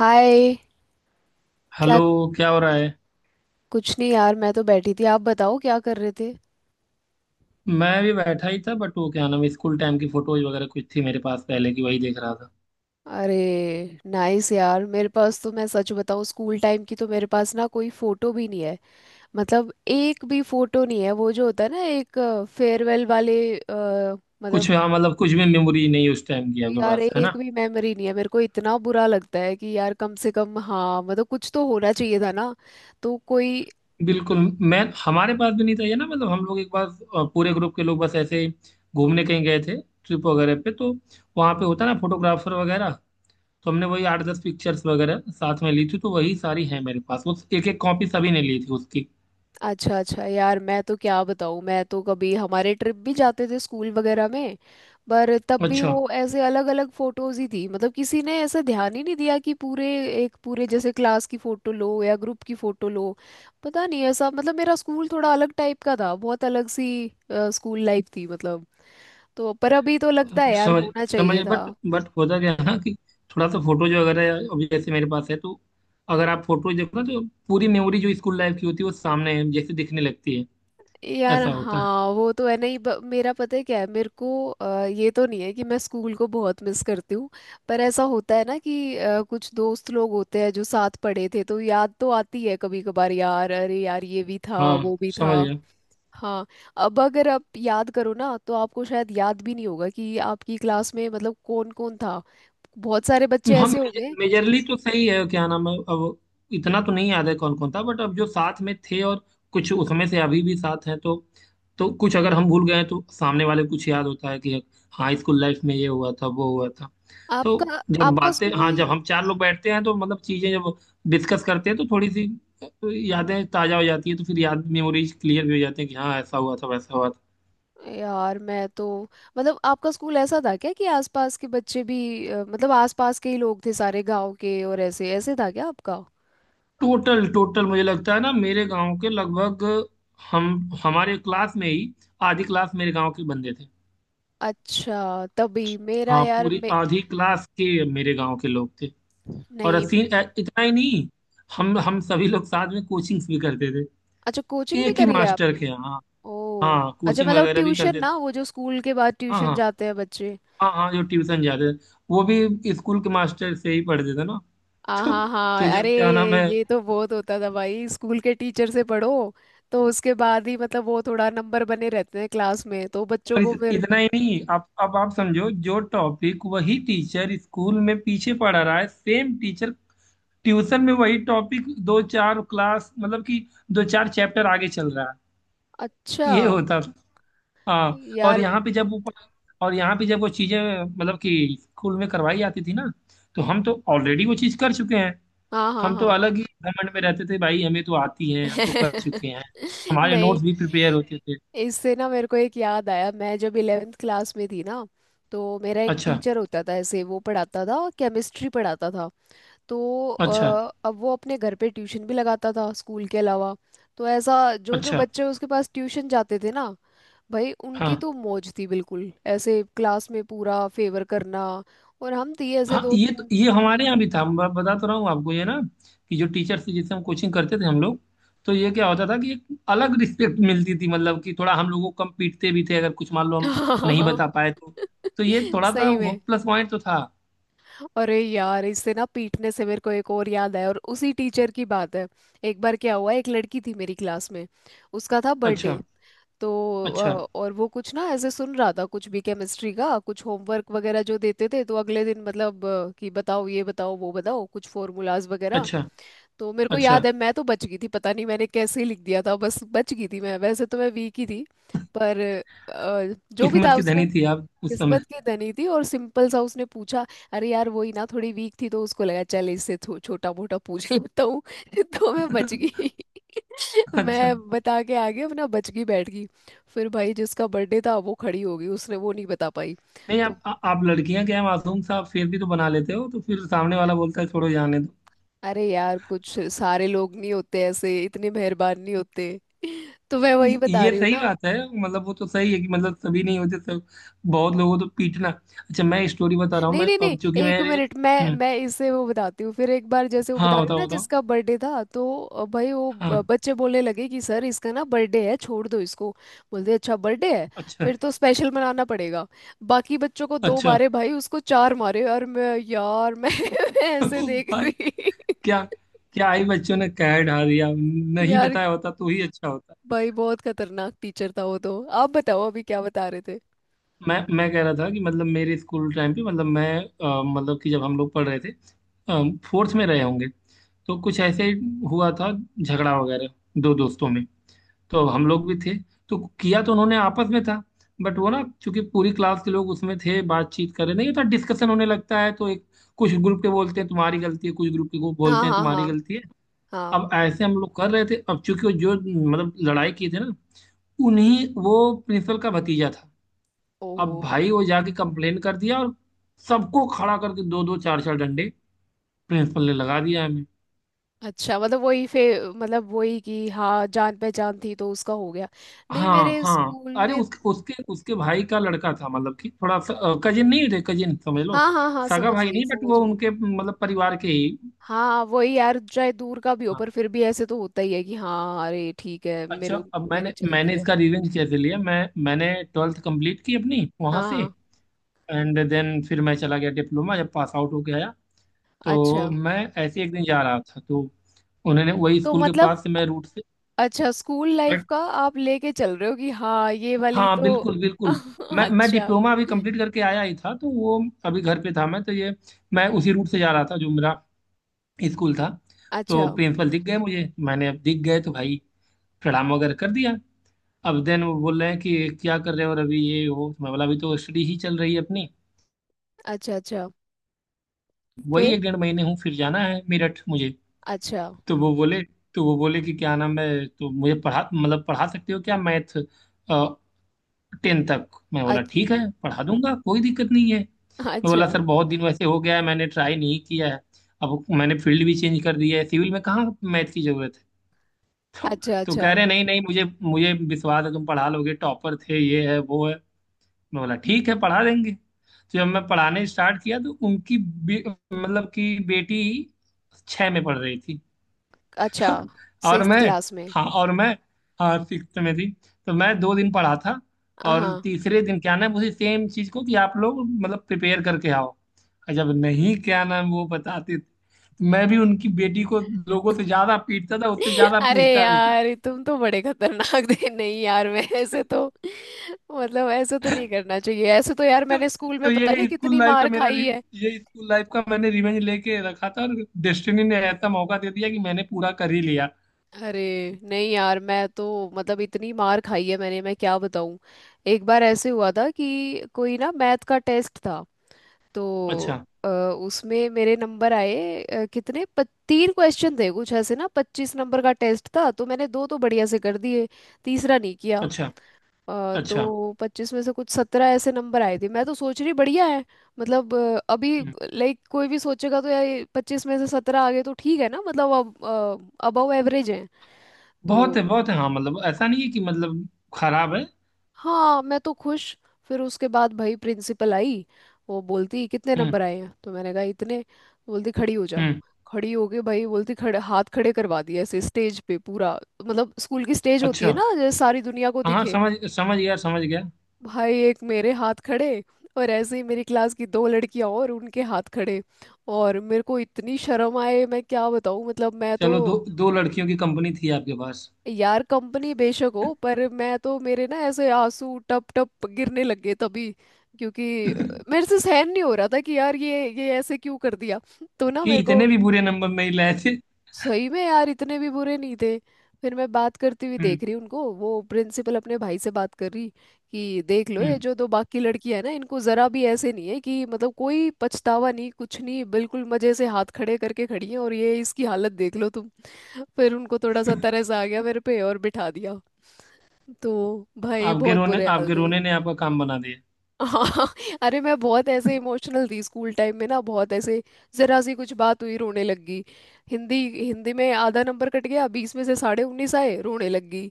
हाय। क्या? हेलो। क्या हो रहा है? कुछ नहीं यार, मैं तो बैठी थी। आप बताओ, क्या कर रहे थे? मैं भी बैठा ही था, बट वो क्या नाम है, स्कूल टाइम की फोटोज वगैरह कुछ थी मेरे पास पहले की, वही देख रहा था। अरे, नाइस यार। मेरे पास तो, मैं सच बताऊं, स्कूल टाइम की तो मेरे पास ना कोई फोटो भी नहीं है। मतलब एक भी फोटो नहीं है। वो जो होता है ना, एक फेयरवेल वाले मतलब। कुछ, हाँ, मतलब कुछ भी मेमोरी नहीं उस टाइम की आपके यार पास है एक ना। भी मेमोरी नहीं है, मेरे को इतना बुरा लगता है कि यार कम से कम, हाँ मतलब, कुछ तो होना चाहिए था ना। तो कोई। बिल्कुल। मैं, हमारे पास भी नहीं था ये ना, मतलब हम लोग एक बार पूरे ग्रुप के लोग बस ऐसे ही घूमने कहीं गए थे, ट्रिप वगैरह पे, तो वहाँ पे होता ना फोटोग्राफर वगैरह, तो हमने वही आठ दस पिक्चर्स वगैरह साथ में ली थी, तो वही सारी है मेरे पास। वो एक एक कॉपी सभी ने ली थी उसकी। अच्छा अच्छा। यार मैं तो क्या बताऊँ, मैं तो कभी, हमारे ट्रिप भी जाते थे स्कूल वगैरह में। पर तब भी अच्छा। वो ऐसे अलग अलग फोटोज ही थी। मतलब किसी ने ऐसा ध्यान ही नहीं दिया कि पूरे, एक पूरे जैसे क्लास की फोटो लो या ग्रुप की फोटो लो। पता नहीं ऐसा, मतलब मेरा स्कूल थोड़ा अलग टाइप का था, बहुत अलग सी स्कूल लाइफ थी मतलब। तो पर अभी तो लगता है यार, समझ होना समझ चाहिए था। बट होता क्या है ना, कि थोड़ा सा फोटो जो अगर है, अभी जैसे मेरे पास है, तो अगर आप फोटो देखो ना, तो पूरी मेमोरी जो स्कूल लाइफ की होती है वो सामने है, जैसे दिखने लगती है। यार ऐसा होता है। हाँ, वो तो है नहीं। मेरा पता है क्या है, मेरे को ये तो नहीं है कि मैं स्कूल को बहुत मिस करती हूँ। पर ऐसा होता है ना कि कुछ दोस्त लोग होते हैं जो साथ पढ़े थे, तो याद तो आती है कभी कभार यार, अरे यार ये भी था हाँ, वो भी समझ था। गया। हाँ। अब अगर आप याद करो ना, तो आपको शायद याद भी नहीं होगा कि आपकी क्लास में मतलब कौन कौन था। बहुत सारे बच्चे हम, ऐसे होंगे। मेजरली तो सही है, क्या नाम है, अब इतना तो नहीं याद है कौन कौन था, बट अब जो साथ में थे, और कुछ उसमें से अभी भी साथ हैं, तो कुछ अगर हम भूल गए हैं, तो सामने वाले को कुछ याद होता है कि हाँ स्कूल लाइफ में ये हुआ था वो हुआ था। तो आपका जब आपका बातें, हाँ, स्कूल। जब हम चार लोग बैठते हैं तो मतलब चीजें जब डिस्कस करते हैं, तो थोड़ी सी यादें ताजा हो जाती है, तो फिर याद मेमोरीज क्लियर भी हो जाती है कि हाँ ऐसा हुआ था वैसा हुआ था। यार मैं तो मतलब, आपका स्कूल ऐसा था क्या कि आसपास के बच्चे भी, मतलब आसपास के ही लोग थे सारे गांव के? और ऐसे ऐसे था क्या आपका? टोटल टोटल, मुझे लगता है ना, मेरे गांव के लगभग, हम हमारे क्लास में ही आधी क्लास मेरे गांव के बंदे थे। अच्छा, तभी मेरा हाँ, यार पूरी आधी क्लास के मेरे गांव के लोग थे। और नहीं। इतना ही नहीं, हम सभी लोग साथ में कोचिंग्स भी करते थे, अच्छा, कोचिंग भी एक ही करी है मास्टर आपने? के यहाँ। ओ। हाँ, अच्छा, कोचिंग मतलब वगैरह भी ट्यूशन करते थे। ना, वो जो स्कूल के बाद हाँ ट्यूशन हाँ जाते हैं बच्चे। हाँ। हाँ, जो ट्यूशन जाते थे वो भी स्कूल के मास्टर से ही पढ़ते थे ना। हाँ तो हाँ तो हाँ। अरे, जब क्या नाम है, ये तो बहुत होता था भाई, स्कूल के टीचर से पढ़ो, तो उसके बाद ही मतलब वो थोड़ा नंबर बने रहते हैं क्लास में, तो बच्चों और को इस, फिर। इतना ही नहीं, आप, अब आप समझो, जो टॉपिक वही टीचर स्कूल में पीछे पढ़ा रहा है, सेम टीचर ट्यूशन में वही टॉपिक दो चार क्लास, मतलब कि दो चार चैप्टर आगे चल रहा है। अच्छा। ये होता था। हाँ, और यार, यहाँ पे जब वो और यहाँ पे जब वो चीजें मतलब कि स्कूल में करवाई जाती थी ना, तो हम तो ऑलरेडी वो चीज कर चुके हैं। हाँ हाँ हम तो हाँ। अलग ही घमंड में रहते थे, भाई हमें तो आती है, हम तो कर चुके हैं। हमारे नहीं, नोट्स भी प्रिपेयर होते थे। इससे ना मेरे को एक याद आया। मैं जब 11th क्लास में थी ना, तो मेरा एक अच्छा। टीचर होता था ऐसे, वो पढ़ाता था, केमिस्ट्री पढ़ाता था। तो अच्छा। अब वो अपने घर पे ट्यूशन भी लगाता था स्कूल के अलावा। तो ऐसा, जो जो अच्छा। बच्चे उसके पास ट्यूशन जाते थे ना, भाई उनकी हाँ तो मौज थी, बिल्कुल ऐसे क्लास में पूरा फेवर करना। और हम थी ऐसे हाँ, दो ये तो, तीन। ये हमारे यहाँ भी था। मैं बता तो रहा हूँ आपको ये ना, कि जो टीचर से, जिससे हम कोचिंग करते थे हम लोग, तो ये क्या होता था कि एक अलग रिस्पेक्ट मिलती थी, मतलब कि थोड़ा हम लोगों को कम पीटते भी थे अगर कुछ मान लो हम नहीं बता पाए तो। तो ये थोड़ा सा सही वो में। प्लस पॉइंट तो था। अरे यार, इससे ना पीटने से मेरे को एक और याद आया, और उसी टीचर की बात है। एक बार क्या हुआ, एक लड़की थी मेरी क्लास में, उसका था अच्छा। बर्थडे। तो अच्छा। और वो कुछ ना ऐसे, सुन रहा था कुछ भी, केमिस्ट्री का कुछ होमवर्क वगैरह जो देते थे तो अगले दिन मतलब कि बताओ, ये बताओ, वो बताओ, कुछ फॉर्मूलाज वगैरह। अच्छा। तो मेरे को अच्छा। याद है मैं तो बच गई थी। पता नहीं मैंने कैसे लिख दिया था, बस बच गई थी मैं। वैसे तो मैं वीक ही थी। पर जो भी था किस्मत की उसने, धनी थी आप उस समय। किस्मत की धनी थी, और सिंपल सा उसने पूछा। अरे यार वही ना, थोड़ी वीक थी तो उसको लगा चल इससे छोटा मोटा पूछ लेता हूँ। तो मैं बच गई। अच्छा। मैं बता के आगे अपना बच गई, बैठ गई। फिर भाई जिसका बर्थडे था, वो खड़ी हो गई, उसने वो नहीं बता पाई। नहीं तो आप, आप लड़कियां क्या है, मासूम सा आप फिर भी तो बना लेते हो, तो फिर सामने वाला बोलता है छोड़ो जाने। अरे यार, कुछ, सारे लोग नहीं होते ऐसे, इतने मेहरबान नहीं होते। तो मैं वही बता ये रही हूँ सही ना। बात है। मतलब वो तो सही है कि मतलब सभी नहीं होते सब, बहुत लोगों को तो पीटना। अच्छा, मैं स्टोरी बता रहा हूँ। नहीं मैं नहीं नहीं, अब चूंकि एक मेरे, मिनट, मैं मैं इसे वो बताती हूँ। फिर एक बार जैसे वो बता हाँ रहे हो बताओ ना, बताओ। जिसका बर्थडे था, तो भाई वो हाँ। बच्चे बोलने लगे कि सर, इसका ना बर्थडे है, छोड़ दो इसको। बोलते अच्छा, बर्थडे है, अच्छा। फिर तो स्पेशल मनाना पड़ेगा। बाकी बच्चों को दो अच्छा। मारे भाई, उसको चार मारे। और मैं यार, मैं ऐसे देख भाई, रही। क्या? क्या आई? बच्चों ने कह ढा दिया, नहीं यार, बताया होता तो ही अच्छा होता। भाई बहुत खतरनाक टीचर था वो तो। आप बताओ अभी, क्या बता रहे थे? मैं कह रहा था कि मतलब मेरे स्कूल टाइम पे, मतलब मैं, मतलब कि जब हम लोग पढ़ रहे थे, फोर्थ में रहे होंगे, तो कुछ ऐसे हुआ था, झगड़ा वगैरह, दो दोस्तों में, तो हम लोग भी थे, तो किया तो उन्होंने आपस में था, बट वो ना चूंकि पूरी क्लास के लोग उसमें थे, बातचीत कर रहे, नहीं होता, डिस्कशन होने लगता है तो एक कुछ ग्रुप के बोलते हैं तुम्हारी गलती है, कुछ ग्रुप के को हाँ बोलते हैं हाँ तुम्हारी हाँ गलती है। हाँ। अब ऐसे हम लोग कर रहे थे। अब चूंकि वो जो मतलब लड़ाई की थी ना, उन्हीं वो प्रिंसिपल का भतीजा था। अब ओहो। भाई वो जाके कंप्लेन कर दिया, और सबको खड़ा करके दो दो चार चार डंडे प्रिंसिपल ने लगा दिया हमें। अच्छा, मतलब वही फिर, मतलब वही कि हाँ, जान पहचान थी तो उसका हो गया। नहीं, हाँ मेरे हाँ, स्कूल अरे में। उसके उसके उसके भाई का लड़का था, मतलब कि थोड़ा सा, कजिन नहीं थे, कजिन समझ लो। हाँ हाँ हाँ, सगा समझ भाई गई नहीं, बट समझ वो गई। उनके मतलब परिवार के ही। हाँ वही यार, चाहे दूर का भी हो हाँ। पर फिर भी ऐसे तो होता ही है कि हाँ, अरे ठीक है, अच्छा, मेरे, अब मेरी मैंने चलती मैंने है। इसका रिवेंज कैसे लिया, मैं, मैंने ट्वेल्थ कंप्लीट की अपनी वहाँ हाँ से। हाँ। एंड देन फिर मैं चला गया डिप्लोमा, जब पास आउट होके आया अच्छा, तो मैं, ऐसे एक दिन जा रहा था, तो उन्होंने, वही तो स्कूल के मतलब, पास से मैं रूट से, अच्छा, स्कूल लाइफ का आप लेके चल रहे हो कि हाँ ये वाली हाँ तो। बिल्कुल बिल्कुल। मैं अच्छा डिप्लोमा अभी कंप्लीट करके आया ही था तो वो, अभी घर पे था मैं तो ये, मैं उसी रूट से जा रहा था जो मेरा स्कूल था। तो अच्छा प्रिंसिपल दिख गए मुझे, मैंने, अब दिख गए तो भाई प्रणाम वगैरह कर दिया। अब देन वो बोल रहे हैं कि क्या कर रहे हो और अभी ये वो, मैं बोला अभी तो स्टडी ही चल रही है अपनी, अच्छा अच्छा। वही फिर। एक डेढ़ महीने हूँ, फिर जाना है मेरठ मुझे। अच्छा तो वो बोले, तो वो बोले कि क्या नाम है, तो मुझे पढ़ा, मतलब पढ़ा सकते हो क्या मैथ टेन तक? मैं बोला अच्छा ठीक है पढ़ा दूंगा, कोई दिक्कत नहीं है। मैं बोला सर बहुत दिन वैसे हो गया है, मैंने ट्राई नहीं किया है, अब मैंने फील्ड भी चेंज कर दिया है, सिविल में कहाँ मैथ की जरूरत है। तो अच्छा तो अच्छा कह रहे नहीं नहीं, मुझे मुझे विश्वास है तुम पढ़ा लोगे, टॉपर थे, ये है वो है। मैं बोला ठीक है पढ़ा देंगे। तो जब मैं पढ़ाने स्टार्ट किया, तो उनकी मतलब कि बेटी छः में पढ़ रही थी। अच्छा। और सिक्स्थ मैं, क्लास में? हाँ और मैं, हाँ सिक्स में थी। तो मैं दो दिन पढ़ा था, और हाँ। तीसरे दिन क्या नाम, उसी सेम चीज को कि आप लोग मतलब प्रिपेयर करके आओ, और जब नहीं क्या नाम वो बताते थे, तो मैं भी उनकी बेटी को लोगों से ज्यादा पीटता था, उससे ज्यादा अरे पूछता भी था। यार, तुम तो बड़े खतरनाक थे। नहीं यार, मैं ऐसे तो, मतलब ऐसे तो नहीं करना चाहिए, ऐसे तो यार तो, मैंने स्कूल में तो पता नहीं ये स्कूल कितनी लाइफ का मार मेरा खाई है। ये स्कूल लाइफ का मैंने रिवेंज लेके रखा था, और डेस्टिनी ने ऐसा मौका दे दिया कि मैंने पूरा कर ही लिया। अरे। नहीं यार, मैं तो, मतलब इतनी मार खाई है मैंने, मैं क्या बताऊं। एक बार ऐसे हुआ था कि कोई ना, मैथ का टेस्ट था। तो अच्छा। अ, उसमें मेरे नंबर आए, कितने तीन क्वेश्चन थे कुछ ऐसे ना, 25 नंबर का टेस्ट था, तो मैंने दो तो बढ़िया से कर दिए, तीसरा नहीं किया। अच्छा। अच्छा। तो 25 में से कुछ 17 ऐसे नंबर आए थे। मैं तो सोच रही बढ़िया है। मतलब अभी लाइक कोई भी सोचेगा तो यार, 25 में से 17 आ गए तो ठीक है ना, मतलब अब अबव एवरेज है। बहुत तो है बहुत है, हाँ, मतलब ऐसा नहीं है कि मतलब खराब है। हाँ मैं तो खुश। फिर उसके बाद भाई, प्रिंसिपल आई। वो बोलती कितने हम्म नंबर आए हैं, तो मैंने कहा इतने, तो बोलती खड़ी हो जा। हम्म। खड़ी हो गई भाई, बोलती खड़े, हाथ खड़े करवा दिए ऐसे, स्टेज पे पूरा। मतलब स्कूल की स्टेज होती है अच्छा। ना, जैसे सारी दुनिया को हाँ, दिखे। समझ, समझ गया समझ गया। भाई एक मेरे हाथ खड़े, और ऐसे ही मेरी क्लास की दो लड़कियां, और उनके हाथ खड़े। और मेरे को इतनी शर्म आए, मैं क्या बताऊँ, मतलब मैं तो। चलो दो दो लड़कियों की कंपनी थी आपके पास। यार कंपनी बेशक हो, पर मैं तो, मेरे ना ऐसे आंसू टप टप गिरने लग गए तभी, क्योंकि मेरे से सहन नहीं हो रहा था कि यार ये ऐसे क्यों कर दिया। तो ना कि मेरे को। इतने भी बुरे नंबर नहीं लाए थे। सही में यार, इतने भी बुरे नहीं थे। फिर मैं बात करती हुई हम्म देख रही उनको, वो प्रिंसिपल अपने भाई से बात कर रही कि देख लो ये हम्म। जो दो बाकी लड़की है ना, इनको जरा भी ऐसे नहीं है कि मतलब कोई पछतावा नहीं, कुछ नहीं, बिल्कुल मजे से हाथ खड़े करके खड़ी है, और ये इसकी हालत देख लो तुम। फिर उनको थोड़ा सा तरस आ गया मेरे पे और बिठा दिया। तो भाई आपके बहुत रोने, बुरे हाल आपके थे। रोने ने आपका काम बना दिया। हाँ। अरे मैं बहुत ऐसे इमोशनल थी स्कूल टाइम में ना, बहुत ऐसे, जरा सी कुछ बात हुई रोने लग गई। हिंदी हिंदी में आधा नंबर कट गया, 20 में से 19.5 आए, रोने लग गई।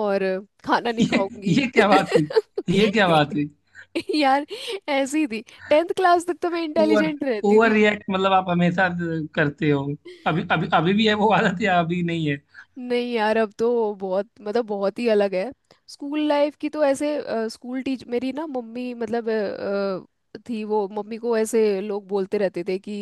और खाना नहीं ये खाऊंगी। ये क्या बात हुई? ये क्या बात हुई? यार, ऐसी थी। 10th क्लास तक तो मैं ओवर, इंटेलिजेंट रहती ओवर थी। रिएक्ट मतलब आप हमेशा करते हो? अभी, अभी, अभी भी है वो आदत या अभी नहीं है? नहीं यार, अब तो बहुत, मतलब बहुत ही अलग है। स्कूल लाइफ की तो ऐसे, स्कूल टीच, मेरी ना मम्मी मतलब, थी वो, मम्मी को ऐसे लोग बोलते रहते थे कि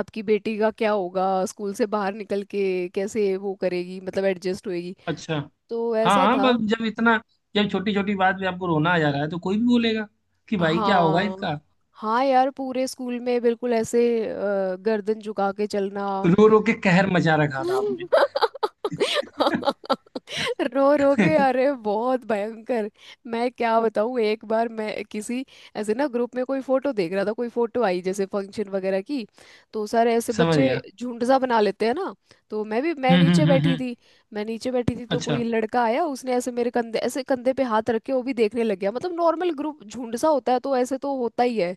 आपकी बेटी का क्या होगा, स्कूल से बाहर निकल के कैसे वो करेगी, मतलब एडजस्ट होएगी। अच्छा। तो हाँ ऐसा हाँ, था। बस जब इतना, जब छोटी छोटी बात पे आपको रोना आ जा रहा है तो कोई भी बोलेगा कि भाई क्या होगा हाँ। इसका। हाँ यार, पूरे स्कूल में बिल्कुल ऐसे, गर्दन झुका के चलना। रो रो के कहर मचा रखा था आपने। रो रो के, अरे बहुत भयंकर। मैं क्या बताऊं, एक बार मैं किसी, ऐसे ना ग्रुप में कोई फोटो देख रहा था, कोई फोटो आई जैसे फंक्शन वगैरह की। तो सारे ऐसे समझ बच्चे गया। झुंड सा बना लेते हैं ना। तो मैं भी, मैं हम्म नीचे हम्म हम्म बैठी हम्म। थी। मैं नीचे बैठी थी तो कोई अच्छा। लड़का आया, उसने ऐसे मेरे कंधे, ऐसे कंधे पे हाथ रख के वो भी देखने लग गया। मतलब नॉर्मल ग्रुप, झुंड सा होता है तो ऐसे तो होता ही है।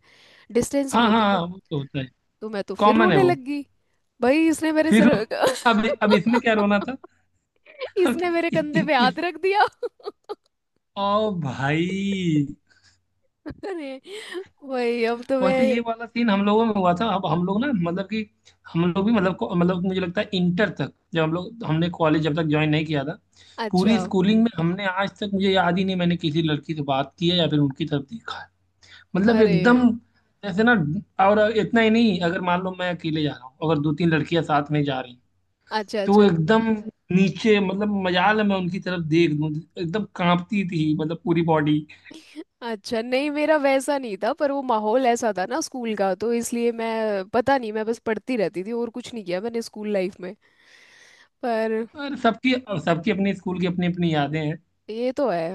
डिस्टेंस नहीं हाँ हाँ होती ना। हाँ, वो तो होता है, तो मैं तो फिर कॉमन है रोने वो। लग गई। भाई इसने मेरे फिर, सिर। अब इसमें क्या रोना था? इसने मेरे इ, कंधे इ, पे हाथ इ, रख दिया। ओ भाई। अरे, वही अब तो वैसे मैं। ये वाला सीन हम लोगों में हुआ था। अब हम लोग ना मतलब कि हम लोग भी मतलब मतलब मुझे लगता है इंटर तक, जब हम लोग, हमने कॉलेज जब तक ज्वाइन नहीं किया था, अच्छा। पूरी स्कूलिंग में हमने आज तक मुझे याद ही नहीं मैंने किसी लड़की से बात की है या फिर उनकी तरफ देखा है। मतलब अरे। एकदम जैसे ना, और इतना ही नहीं, अगर मान लो मैं अकेले जा रहा हूँ, अगर दो तीन लड़कियां साथ में जा रही हैं, अच्छा तो वो अच्छा एकदम नीचे, मतलब मजाल है मैं उनकी तरफ देख दूं। एकदम कांपती थी मतलब पूरी बॉडी। अच्छा। नहीं, मेरा वैसा नहीं था, पर वो माहौल ऐसा था ना स्कूल का, तो इसलिए मैं पता नहीं, मैं बस पढ़ती रहती थी और कुछ नहीं किया मैंने स्कूल लाइफ में। पर और सबकी, और सबकी अपने स्कूल की अपनी अपनी यादें हैं। ये तो है।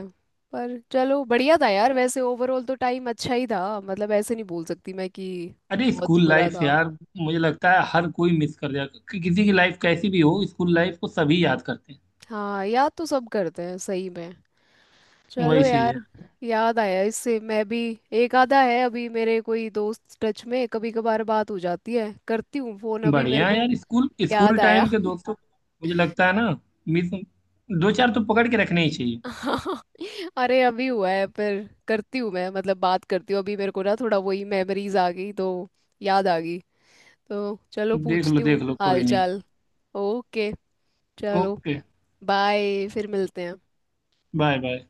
पर चलो बढ़िया था यार, वैसे ओवरऑल तो टाइम अच्छा ही था, मतलब ऐसे नहीं बोल सकती मैं कि अरे बहुत स्कूल बुरा लाइफ था। यार, मुझे लगता है हर कोई मिस कर जाएगा, कि किसी की लाइफ कैसी भी हो स्कूल लाइफ को सभी याद करते हाँ याद तो सब करते हैं सही में। हैं। चलो वही चीज यार, है। याद आया इससे मैं भी। एक आधा है अभी मेरे कोई दोस्त टच में, कभी कभार बात हो जाती है, करती हूँ फोन, अभी मेरे बढ़िया है को यार, स्कूल, याद स्कूल आया। टाइम के दोस्तों को, मुझे लगता है ना, मिस, दो चार तो पकड़ के रखने ही चाहिए। अरे अभी हुआ है, पर करती हूँ मैं, मतलब बात करती हूँ, अभी मेरे को ना थोड़ा वही मेमोरीज आ गई तो, याद आ गई। तो चलो, देख लो पूछती हूँ देख लो, हाल कोई नहीं। चाल। ओके। चलो, ओके। बाय। फिर मिलते हैं। Bye bye.